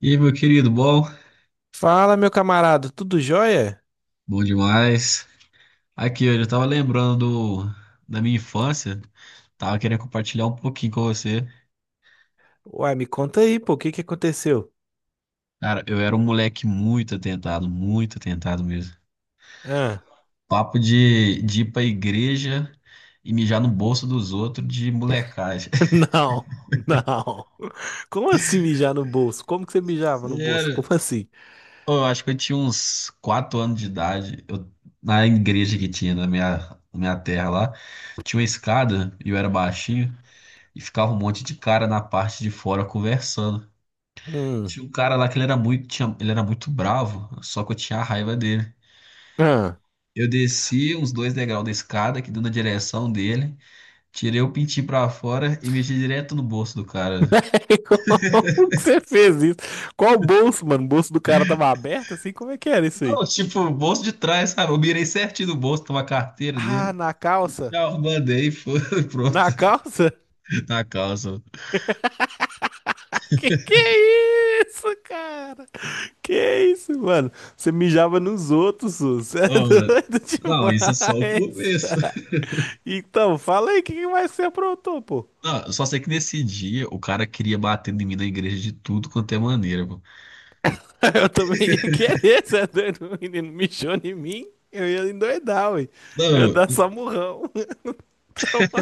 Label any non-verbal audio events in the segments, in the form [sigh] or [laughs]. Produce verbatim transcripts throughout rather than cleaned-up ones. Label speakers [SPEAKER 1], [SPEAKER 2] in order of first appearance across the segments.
[SPEAKER 1] E aí, meu querido, bom?
[SPEAKER 2] Fala, meu camarada, tudo jóia?
[SPEAKER 1] Bom demais. Aqui, eu já tava lembrando do- da minha infância, tava querendo compartilhar um pouquinho com você.
[SPEAKER 2] Uai, me conta aí, pô, o que que aconteceu?
[SPEAKER 1] Cara, eu era um moleque muito atentado, muito atentado mesmo.
[SPEAKER 2] Ah,
[SPEAKER 1] Papo de, de ir pra igreja e mijar no bolso dos outros de molecagem.
[SPEAKER 2] [laughs]
[SPEAKER 1] [laughs]
[SPEAKER 2] não, não. Como assim mijar no bolso? Como que você mijava no bolso?
[SPEAKER 1] Sério?
[SPEAKER 2] Como assim?
[SPEAKER 1] Ô, eu acho que eu tinha uns quatro anos de idade, eu- na igreja que tinha na minha, na minha terra lá, tinha uma escada e eu era baixinho. E ficava um monte de cara na parte de fora conversando.
[SPEAKER 2] Hum,
[SPEAKER 1] Tinha um cara lá que ele era muito, tinha- ele era muito bravo, só que eu tinha a raiva dele.
[SPEAKER 2] ah.
[SPEAKER 1] Eu desci uns dois degraus da escada, que deu na direção dele, tirei o pintinho pra fora e mexi direto no bolso do cara.
[SPEAKER 2] [laughs] Como que você fez isso? Qual bolso, mano? O bolso do cara tava aberto assim? Como é que era isso aí?
[SPEAKER 1] Não, tipo, o bolso de trás, sabe? Eu mirei certinho no bolso, tava a carteira
[SPEAKER 2] Ah,
[SPEAKER 1] dele.
[SPEAKER 2] na calça?
[SPEAKER 1] Já mandei, e foi, [laughs] pronto,
[SPEAKER 2] Na calça? [laughs]
[SPEAKER 1] na calça.
[SPEAKER 2] Que que é isso, cara? Que isso, mano? Você mijava nos outros, Su. Você é
[SPEAKER 1] Não, mano,
[SPEAKER 2] doido [laughs]
[SPEAKER 1] não, isso é só o
[SPEAKER 2] demais.
[SPEAKER 1] começo.
[SPEAKER 2] Então, fala aí o que que mais você aprontou, pô.
[SPEAKER 1] Não, eu só sei que nesse dia o cara queria bater em mim na igreja de tudo quanto é maneira, pô.
[SPEAKER 2] [laughs] Eu também ia querer, você é doido? O menino mijou em mim, eu ia endoidar, ué. Eu ia
[SPEAKER 1] Não,
[SPEAKER 2] dar samurrão. [laughs]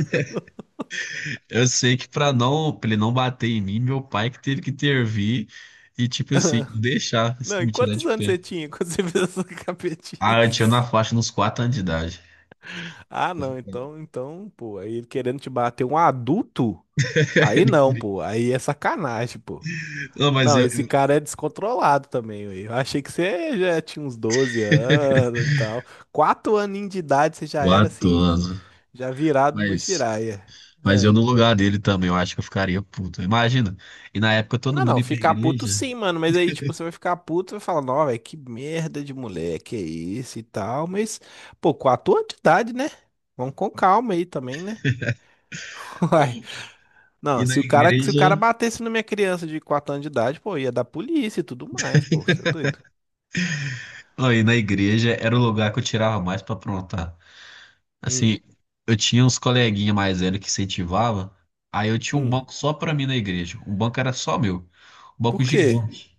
[SPEAKER 1] eu sei que pra não, pra ele não bater em mim, meu pai que teve que intervir e, tipo assim, deixar
[SPEAKER 2] Não, e
[SPEAKER 1] me tirar
[SPEAKER 2] quantos
[SPEAKER 1] de
[SPEAKER 2] anos
[SPEAKER 1] pé.
[SPEAKER 2] você tinha quando você fez essa
[SPEAKER 1] Ah, eu tinha na
[SPEAKER 2] capetice?
[SPEAKER 1] faixa nos quatro anos de idade.
[SPEAKER 2] Ah, não, então,
[SPEAKER 1] [laughs]
[SPEAKER 2] então, pô, aí ele querendo te bater um adulto? Aí
[SPEAKER 1] Ele
[SPEAKER 2] não,
[SPEAKER 1] queria-
[SPEAKER 2] pô, aí é sacanagem, pô.
[SPEAKER 1] Não, mas
[SPEAKER 2] Não,
[SPEAKER 1] eu,
[SPEAKER 2] esse
[SPEAKER 1] eu-
[SPEAKER 2] cara é descontrolado também, ué. Eu achei que você já tinha uns doze
[SPEAKER 1] [laughs]
[SPEAKER 2] anos e tal. Quatro aninhos de idade você já era
[SPEAKER 1] Quatro
[SPEAKER 2] assim,
[SPEAKER 1] anos.
[SPEAKER 2] já virado no
[SPEAKER 1] Mas,
[SPEAKER 2] Jiraya.
[SPEAKER 1] mas eu
[SPEAKER 2] Ah.
[SPEAKER 1] no lugar dele também, eu acho que eu ficaria puto. Imagina. E na época todo
[SPEAKER 2] Ah,
[SPEAKER 1] mundo
[SPEAKER 2] não,
[SPEAKER 1] ia pra
[SPEAKER 2] ficar puto
[SPEAKER 1] igreja.
[SPEAKER 2] sim, mano. Mas aí, tipo, você vai ficar puto e vai falar, não, velho, que merda de moleque é isso e tal. Mas, pô, com a tua idade, né? Vamos com calma aí também, né? [laughs] Uai.
[SPEAKER 1] E
[SPEAKER 2] Não,
[SPEAKER 1] na
[SPEAKER 2] se o cara, se o cara
[SPEAKER 1] igreja.
[SPEAKER 2] batesse na minha criança de quatro anos de idade, pô, ia dar polícia e tudo mais, pô, você é doido.
[SPEAKER 1] Não, e na igreja era o lugar que eu tirava mais pra aprontar.
[SPEAKER 2] Hum,
[SPEAKER 1] Assim, eu tinha uns coleguinhas mais velhos que incentivava, aí eu tinha um
[SPEAKER 2] hum.
[SPEAKER 1] banco só pra mim na igreja. Um banco era só meu. Um banco
[SPEAKER 2] Por quê?
[SPEAKER 1] gigante.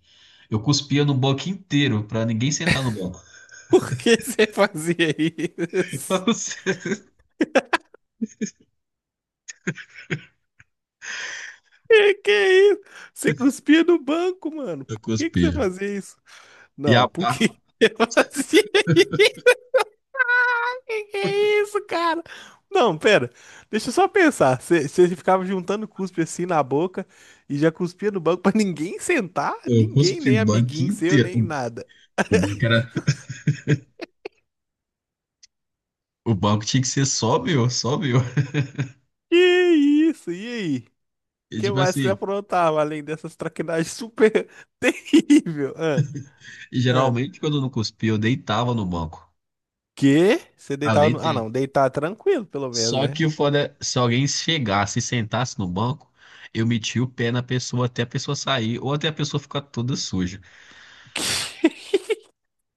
[SPEAKER 1] Eu cuspia no banco inteiro pra ninguém sentar no banco.
[SPEAKER 2] [laughs] Por que você [laughs] fazia
[SPEAKER 1] [laughs] Pra
[SPEAKER 2] isso?
[SPEAKER 1] não ser-
[SPEAKER 2] Que que é isso? Você cuspia no banco, mano.
[SPEAKER 1] Eu
[SPEAKER 2] Por que que você
[SPEAKER 1] cuspia.
[SPEAKER 2] fazia isso?
[SPEAKER 1] E a
[SPEAKER 2] Não, por
[SPEAKER 1] pá,
[SPEAKER 2] que [laughs] eu fazia isso? [laughs] Que que é isso, cara? Não, pera. Deixa eu só pensar. Você ficava juntando cuspe assim na boca e já cuspia no banco pra ninguém sentar?
[SPEAKER 1] eu
[SPEAKER 2] Ninguém,
[SPEAKER 1] cuspi
[SPEAKER 2] nem
[SPEAKER 1] o banco
[SPEAKER 2] amiguinho seu,
[SPEAKER 1] inteiro.
[SPEAKER 2] nem
[SPEAKER 1] O
[SPEAKER 2] nada.
[SPEAKER 1] o banco era. O banco tinha que ser só meu, só meu.
[SPEAKER 2] Que isso? E aí? O
[SPEAKER 1] E
[SPEAKER 2] que
[SPEAKER 1] tipo
[SPEAKER 2] mais que você
[SPEAKER 1] assim,
[SPEAKER 2] aprontava além dessas traquinagens super [laughs] terrível? Ah,
[SPEAKER 1] e
[SPEAKER 2] ah.
[SPEAKER 1] geralmente quando eu não cuspia, eu deitava no banco.
[SPEAKER 2] Que? Você
[SPEAKER 1] Ah, eu
[SPEAKER 2] deitava no... Ah,
[SPEAKER 1] deitava.
[SPEAKER 2] não. Deitar tranquilo, pelo menos,
[SPEAKER 1] Só
[SPEAKER 2] né?
[SPEAKER 1] que o foda, é, se alguém chegasse e sentasse no banco, eu metia o pé na pessoa até a pessoa sair ou até a pessoa ficar toda suja.
[SPEAKER 2] [laughs]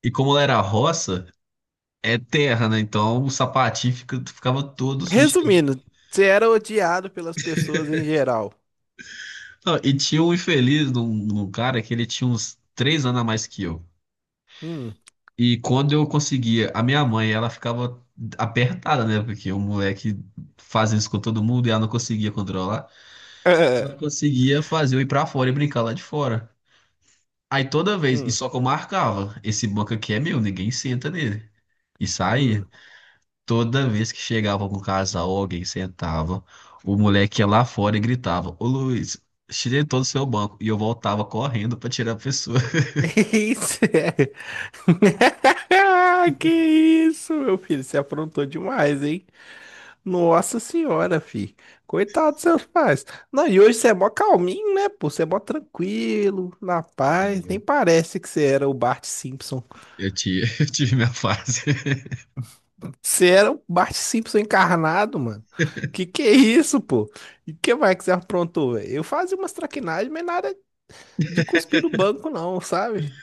[SPEAKER 1] E como ela era roça, é terra, né? Então o sapatinho fica- ficava todo sujo.
[SPEAKER 2] Resumindo, você era odiado pelas pessoas em geral.
[SPEAKER 1] Não, e tinha um infeliz num, num cara que ele tinha uns três anos a mais que eu.
[SPEAKER 2] Hum.
[SPEAKER 1] E quando eu conseguia, a minha mãe, ela ficava apertada, né? Porque o moleque faz isso com todo mundo e ela não conseguia controlar. Ela
[SPEAKER 2] Ah,
[SPEAKER 1] conseguia fazer eu ir pra fora e brincar lá de fora. Aí toda vez, e
[SPEAKER 2] hum,
[SPEAKER 1] só que eu marcava, esse banco aqui é meu, ninguém senta nele. E saía.
[SPEAKER 2] hum.
[SPEAKER 1] Toda vez que chegava algum casal, alguém sentava, o moleque ia lá fora e gritava: Ô Luiz, tirei todo o seu banco. E eu voltava correndo pra tirar a pessoa.
[SPEAKER 2] [laughs] Isso é. [laughs] Ah, que isso, meu filho? Você aprontou demais, hein? Nossa senhora, filho. Coitado dos seus pais. Não, e hoje você é mó calminho, né, pô? Você é mó tranquilo, na paz. Nem
[SPEAKER 1] [laughs]
[SPEAKER 2] parece que você era o Bart Simpson.
[SPEAKER 1] Eu tive, [laughs] eu tive minha fase. [laughs]
[SPEAKER 2] [laughs] Você era o Bart Simpson encarnado, mano. Que que é isso, pô? E que mais que você aprontou, velho? Eu fazia umas traquinagens, mas nada de cuspir no banco, não, sabe?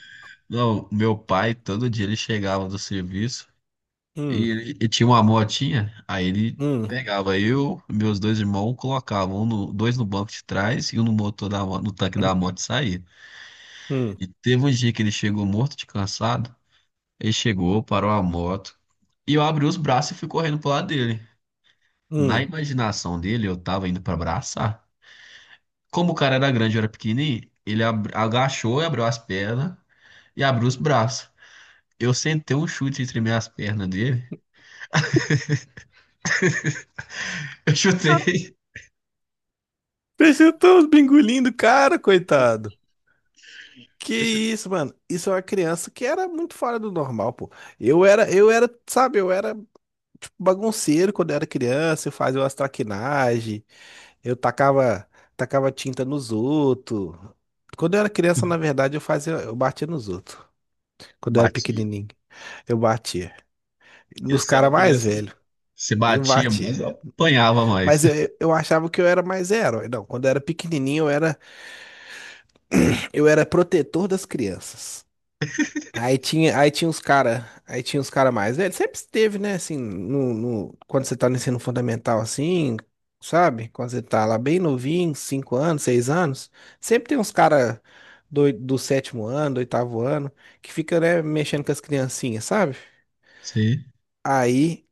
[SPEAKER 1] Não, meu pai, todo dia ele chegava do serviço
[SPEAKER 2] Hum,
[SPEAKER 1] e ele, e tinha uma motinha, aí ele
[SPEAKER 2] hum,
[SPEAKER 1] pegava eu, meus dois irmãos, colocavam um no- dois no banco de trás e um no motor da, mo- no tanque da moto e saía.
[SPEAKER 2] hum,
[SPEAKER 1] E teve um dia que ele chegou morto de cansado. Ele chegou, parou a moto. E eu abri os braços e fui correndo pro lado dele. Na
[SPEAKER 2] hum.
[SPEAKER 1] imaginação dele, eu tava indo pra abraçar. Como o cara era grande e eu era pequenininho, ele ab- agachou e abriu as pernas e abriu os braços. Eu sentei um chute entre minhas pernas dele. [laughs] Eu chutei.
[SPEAKER 2] Peixinho tão bingulindo, cara, coitado. Que
[SPEAKER 1] Eu chu-
[SPEAKER 2] isso, mano? Isso é uma criança que era muito fora do normal, pô. Eu era, eu era, sabe, eu era tipo, bagunceiro quando eu era criança, eu fazia umas traquinagens, eu tacava, tacava tinta nos outros. Quando eu era criança, na verdade, eu fazia, eu batia nos outros. Quando eu era
[SPEAKER 1] Batia.
[SPEAKER 2] pequenininho, eu batia.
[SPEAKER 1] E
[SPEAKER 2] Nos
[SPEAKER 1] você era
[SPEAKER 2] caras mais
[SPEAKER 1] criança.
[SPEAKER 2] velhos,
[SPEAKER 1] Você
[SPEAKER 2] eu
[SPEAKER 1] batia mais,
[SPEAKER 2] batia.
[SPEAKER 1] eu apanhava mais.
[SPEAKER 2] Mas eu, eu achava que eu era mais herói. Não, quando eu era pequenininho, eu era, eu era protetor das crianças. Aí tinha, aí tinha os cara, aí tinha os cara mais velhos. Sempre esteve, né? Assim, no, no- quando você tá no ensino fundamental, assim, sabe? Quando você tá lá bem novinho, cinco anos, seis anos, sempre tem uns cara do, do sétimo ano, do oitavo ano, que fica, né, mexendo com as criancinhas, sabe?
[SPEAKER 1] Sim.
[SPEAKER 2] Aí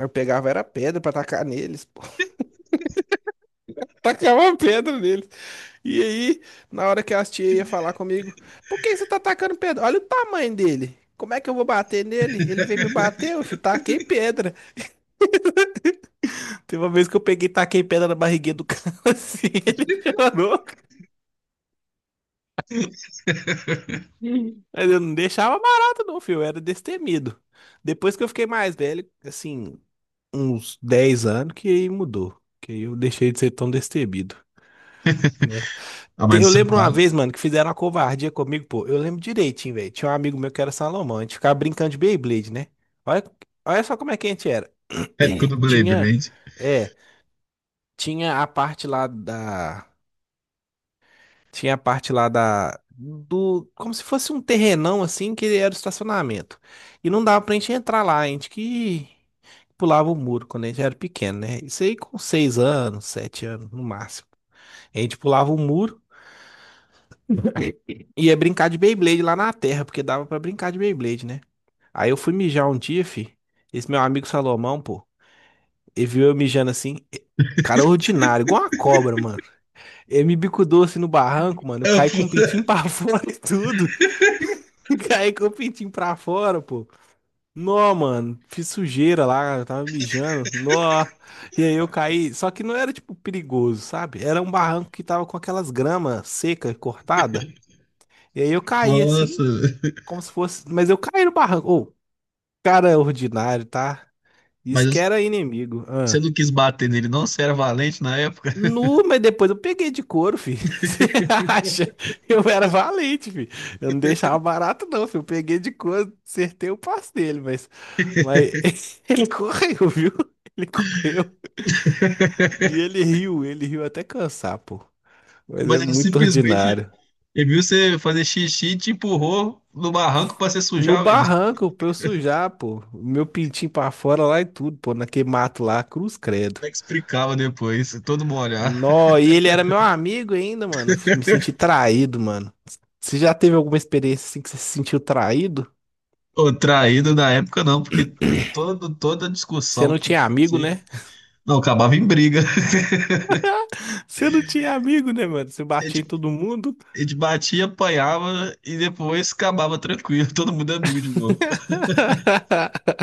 [SPEAKER 2] eu pegava era pedra pra tacar neles, pô. [laughs] Tacava pedra neles. E aí, na hora que as tias iam falar comigo, por que você tá atacando pedra? Olha o tamanho dele. Como é que eu vou bater nele? Ele veio me bater, eu fi, taquei pedra. Teve uma vez que eu peguei e taquei pedra na barriguinha do cara, [laughs] assim, ele chorou.
[SPEAKER 1] [laughs]
[SPEAKER 2] Mas eu não deixava barato não, filho, eu era destemido. Depois que eu fiquei mais velho, assim, uns dez anos, que aí mudou. Que aí eu deixei de ser tão destemido, né?
[SPEAKER 1] Ah, mas
[SPEAKER 2] Te- Eu
[SPEAKER 1] no seu
[SPEAKER 2] lembro uma
[SPEAKER 1] caso,
[SPEAKER 2] vez, mano, que fizeram uma covardia comigo, pô. Eu lembro direitinho, velho. Tinha um amigo meu que era Salomão. A gente ficava brincando de Beyblade, né? Olha, olha só como é que a gente era.
[SPEAKER 1] é época do
[SPEAKER 2] [clears throat]
[SPEAKER 1] Blade,
[SPEAKER 2] Tinha. É. Tinha a parte lá da. Tinha a parte lá da. Do. Como se fosse um terrenão, assim, que era o estacionamento. E não dava pra gente entrar lá. A gente que pulava o muro quando a gente era pequeno, né? Isso aí com seis anos, sete anos, no máximo. A gente pulava o muro. Ia brincar de Beyblade lá na terra, porque dava pra brincar de Beyblade, né? Aí eu fui mijar um dia, fi. Esse meu amigo Salomão, pô, ele viu eu mijando assim. e- Cara ordinário, igual uma cobra, mano. Ele me bicudou assim no barranco, mano. Eu
[SPEAKER 1] né?
[SPEAKER 2] caí com o pintinho pra [laughs] fora e tudo. [laughs] Caí com o pintinho pra fora, pô. Nó, mano. Fiz sujeira lá, eu tava mijando. Nó. E aí eu caí. Só que não era, tipo, perigoso, sabe? Era um barranco que tava com aquelas gramas secas, cortadas. E aí eu caí
[SPEAKER 1] Nossa,
[SPEAKER 2] assim. Como se fosse. Mas eu caí no barranco. Ô, cara ordinário, tá? Isso que
[SPEAKER 1] mas
[SPEAKER 2] era inimigo.
[SPEAKER 1] você
[SPEAKER 2] Ah.
[SPEAKER 1] não quis bater nele, não? Você era valente na época.
[SPEAKER 2] Nu, mas depois eu peguei de couro, filho. [laughs] Você
[SPEAKER 1] [laughs]
[SPEAKER 2] acha? Eu era valente, filho. Eu não deixava barato, não, filho. Eu peguei de couro, acertei o passo dele, mas. Mas [laughs] ele correu, viu? Ele correu. E ele riu, ele riu até cansar, pô. Mas é
[SPEAKER 1] Mas ele
[SPEAKER 2] muito
[SPEAKER 1] simplesmente
[SPEAKER 2] ordinário.
[SPEAKER 1] ele viu você fazer xixi e te empurrou no barranco pra você
[SPEAKER 2] No
[SPEAKER 1] sujar mesmo. Como
[SPEAKER 2] barranco, pra eu sujar, pô. Meu pintinho pra fora lá e tudo, pô. Naquele mato lá, cruz credo.
[SPEAKER 1] é que explicava depois? Todo molhado.
[SPEAKER 2] Nó, e ele era meu amigo ainda, mano. Me senti traído, mano. Você já teve alguma experiência assim que você se sentiu traído?
[SPEAKER 1] Ou [laughs] traído na época, não, porque todo, toda
[SPEAKER 2] Você
[SPEAKER 1] discussão
[SPEAKER 2] não
[SPEAKER 1] que,
[SPEAKER 2] tinha amigo,
[SPEAKER 1] que-
[SPEAKER 2] né?
[SPEAKER 1] Não, acabava em briga.
[SPEAKER 2] [laughs] Você não tinha amigo, né, mano? Você
[SPEAKER 1] A gente,
[SPEAKER 2] batia em todo mundo.
[SPEAKER 1] a gente batia, apanhava e depois acabava tranquilo. [laughs] Todo mundo é amigo de novo.
[SPEAKER 2] [laughs]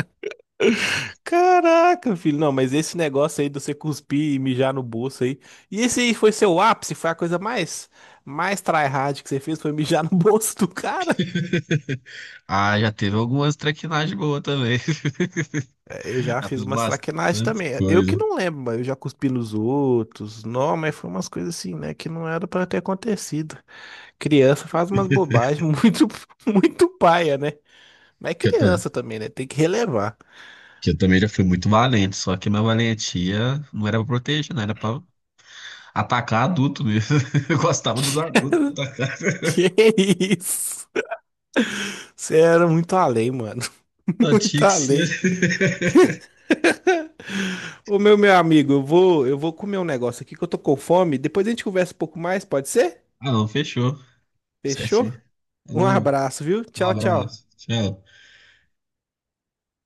[SPEAKER 2] Caraca, filho. Não, mas esse negócio aí de você cuspir e mijar no bolso aí. E esse aí foi seu ápice? Foi a coisa mais, mais tryhard que você fez? Foi mijar no [laughs] bolso do cara?
[SPEAKER 1] Ah, já teve algumas traquinagens boas também.
[SPEAKER 2] Eu
[SPEAKER 1] [laughs]
[SPEAKER 2] já
[SPEAKER 1] Já
[SPEAKER 2] fiz
[SPEAKER 1] fiz
[SPEAKER 2] umas traquinagens
[SPEAKER 1] bastante
[SPEAKER 2] também. Eu que
[SPEAKER 1] coisa.
[SPEAKER 2] não lembro, mas eu já cuspi nos outros. Não, mas foi umas coisas assim, né? Que não era pra ter acontecido. Criança faz umas bobagens [laughs] muito, muito paia, né? Mas é
[SPEAKER 1] Que eu, ta-
[SPEAKER 2] criança também, né? Tem que relevar.
[SPEAKER 1] que eu também já fui muito valente, só que minha valentia não era pra proteger, não era pra atacar adulto mesmo. [laughs] Eu gostava dos
[SPEAKER 2] [laughs]
[SPEAKER 1] adultos que atacavam.
[SPEAKER 2] Que isso? Você era muito além, mano. [laughs]
[SPEAKER 1] Não
[SPEAKER 2] Muito
[SPEAKER 1] tinha que ser.
[SPEAKER 2] além.
[SPEAKER 1] [laughs]
[SPEAKER 2] Ô, meu, meu amigo, eu vou, eu vou comer um negócio aqui que eu tô com fome. Depois a gente conversa um pouco mais, pode ser?
[SPEAKER 1] Ah, não, fechou.
[SPEAKER 2] Fechou?
[SPEAKER 1] Certinho.
[SPEAKER 2] Um
[SPEAKER 1] Falou,
[SPEAKER 2] abraço, viu?
[SPEAKER 1] um
[SPEAKER 2] Tchau, tchau.
[SPEAKER 1] abraço. Tchau.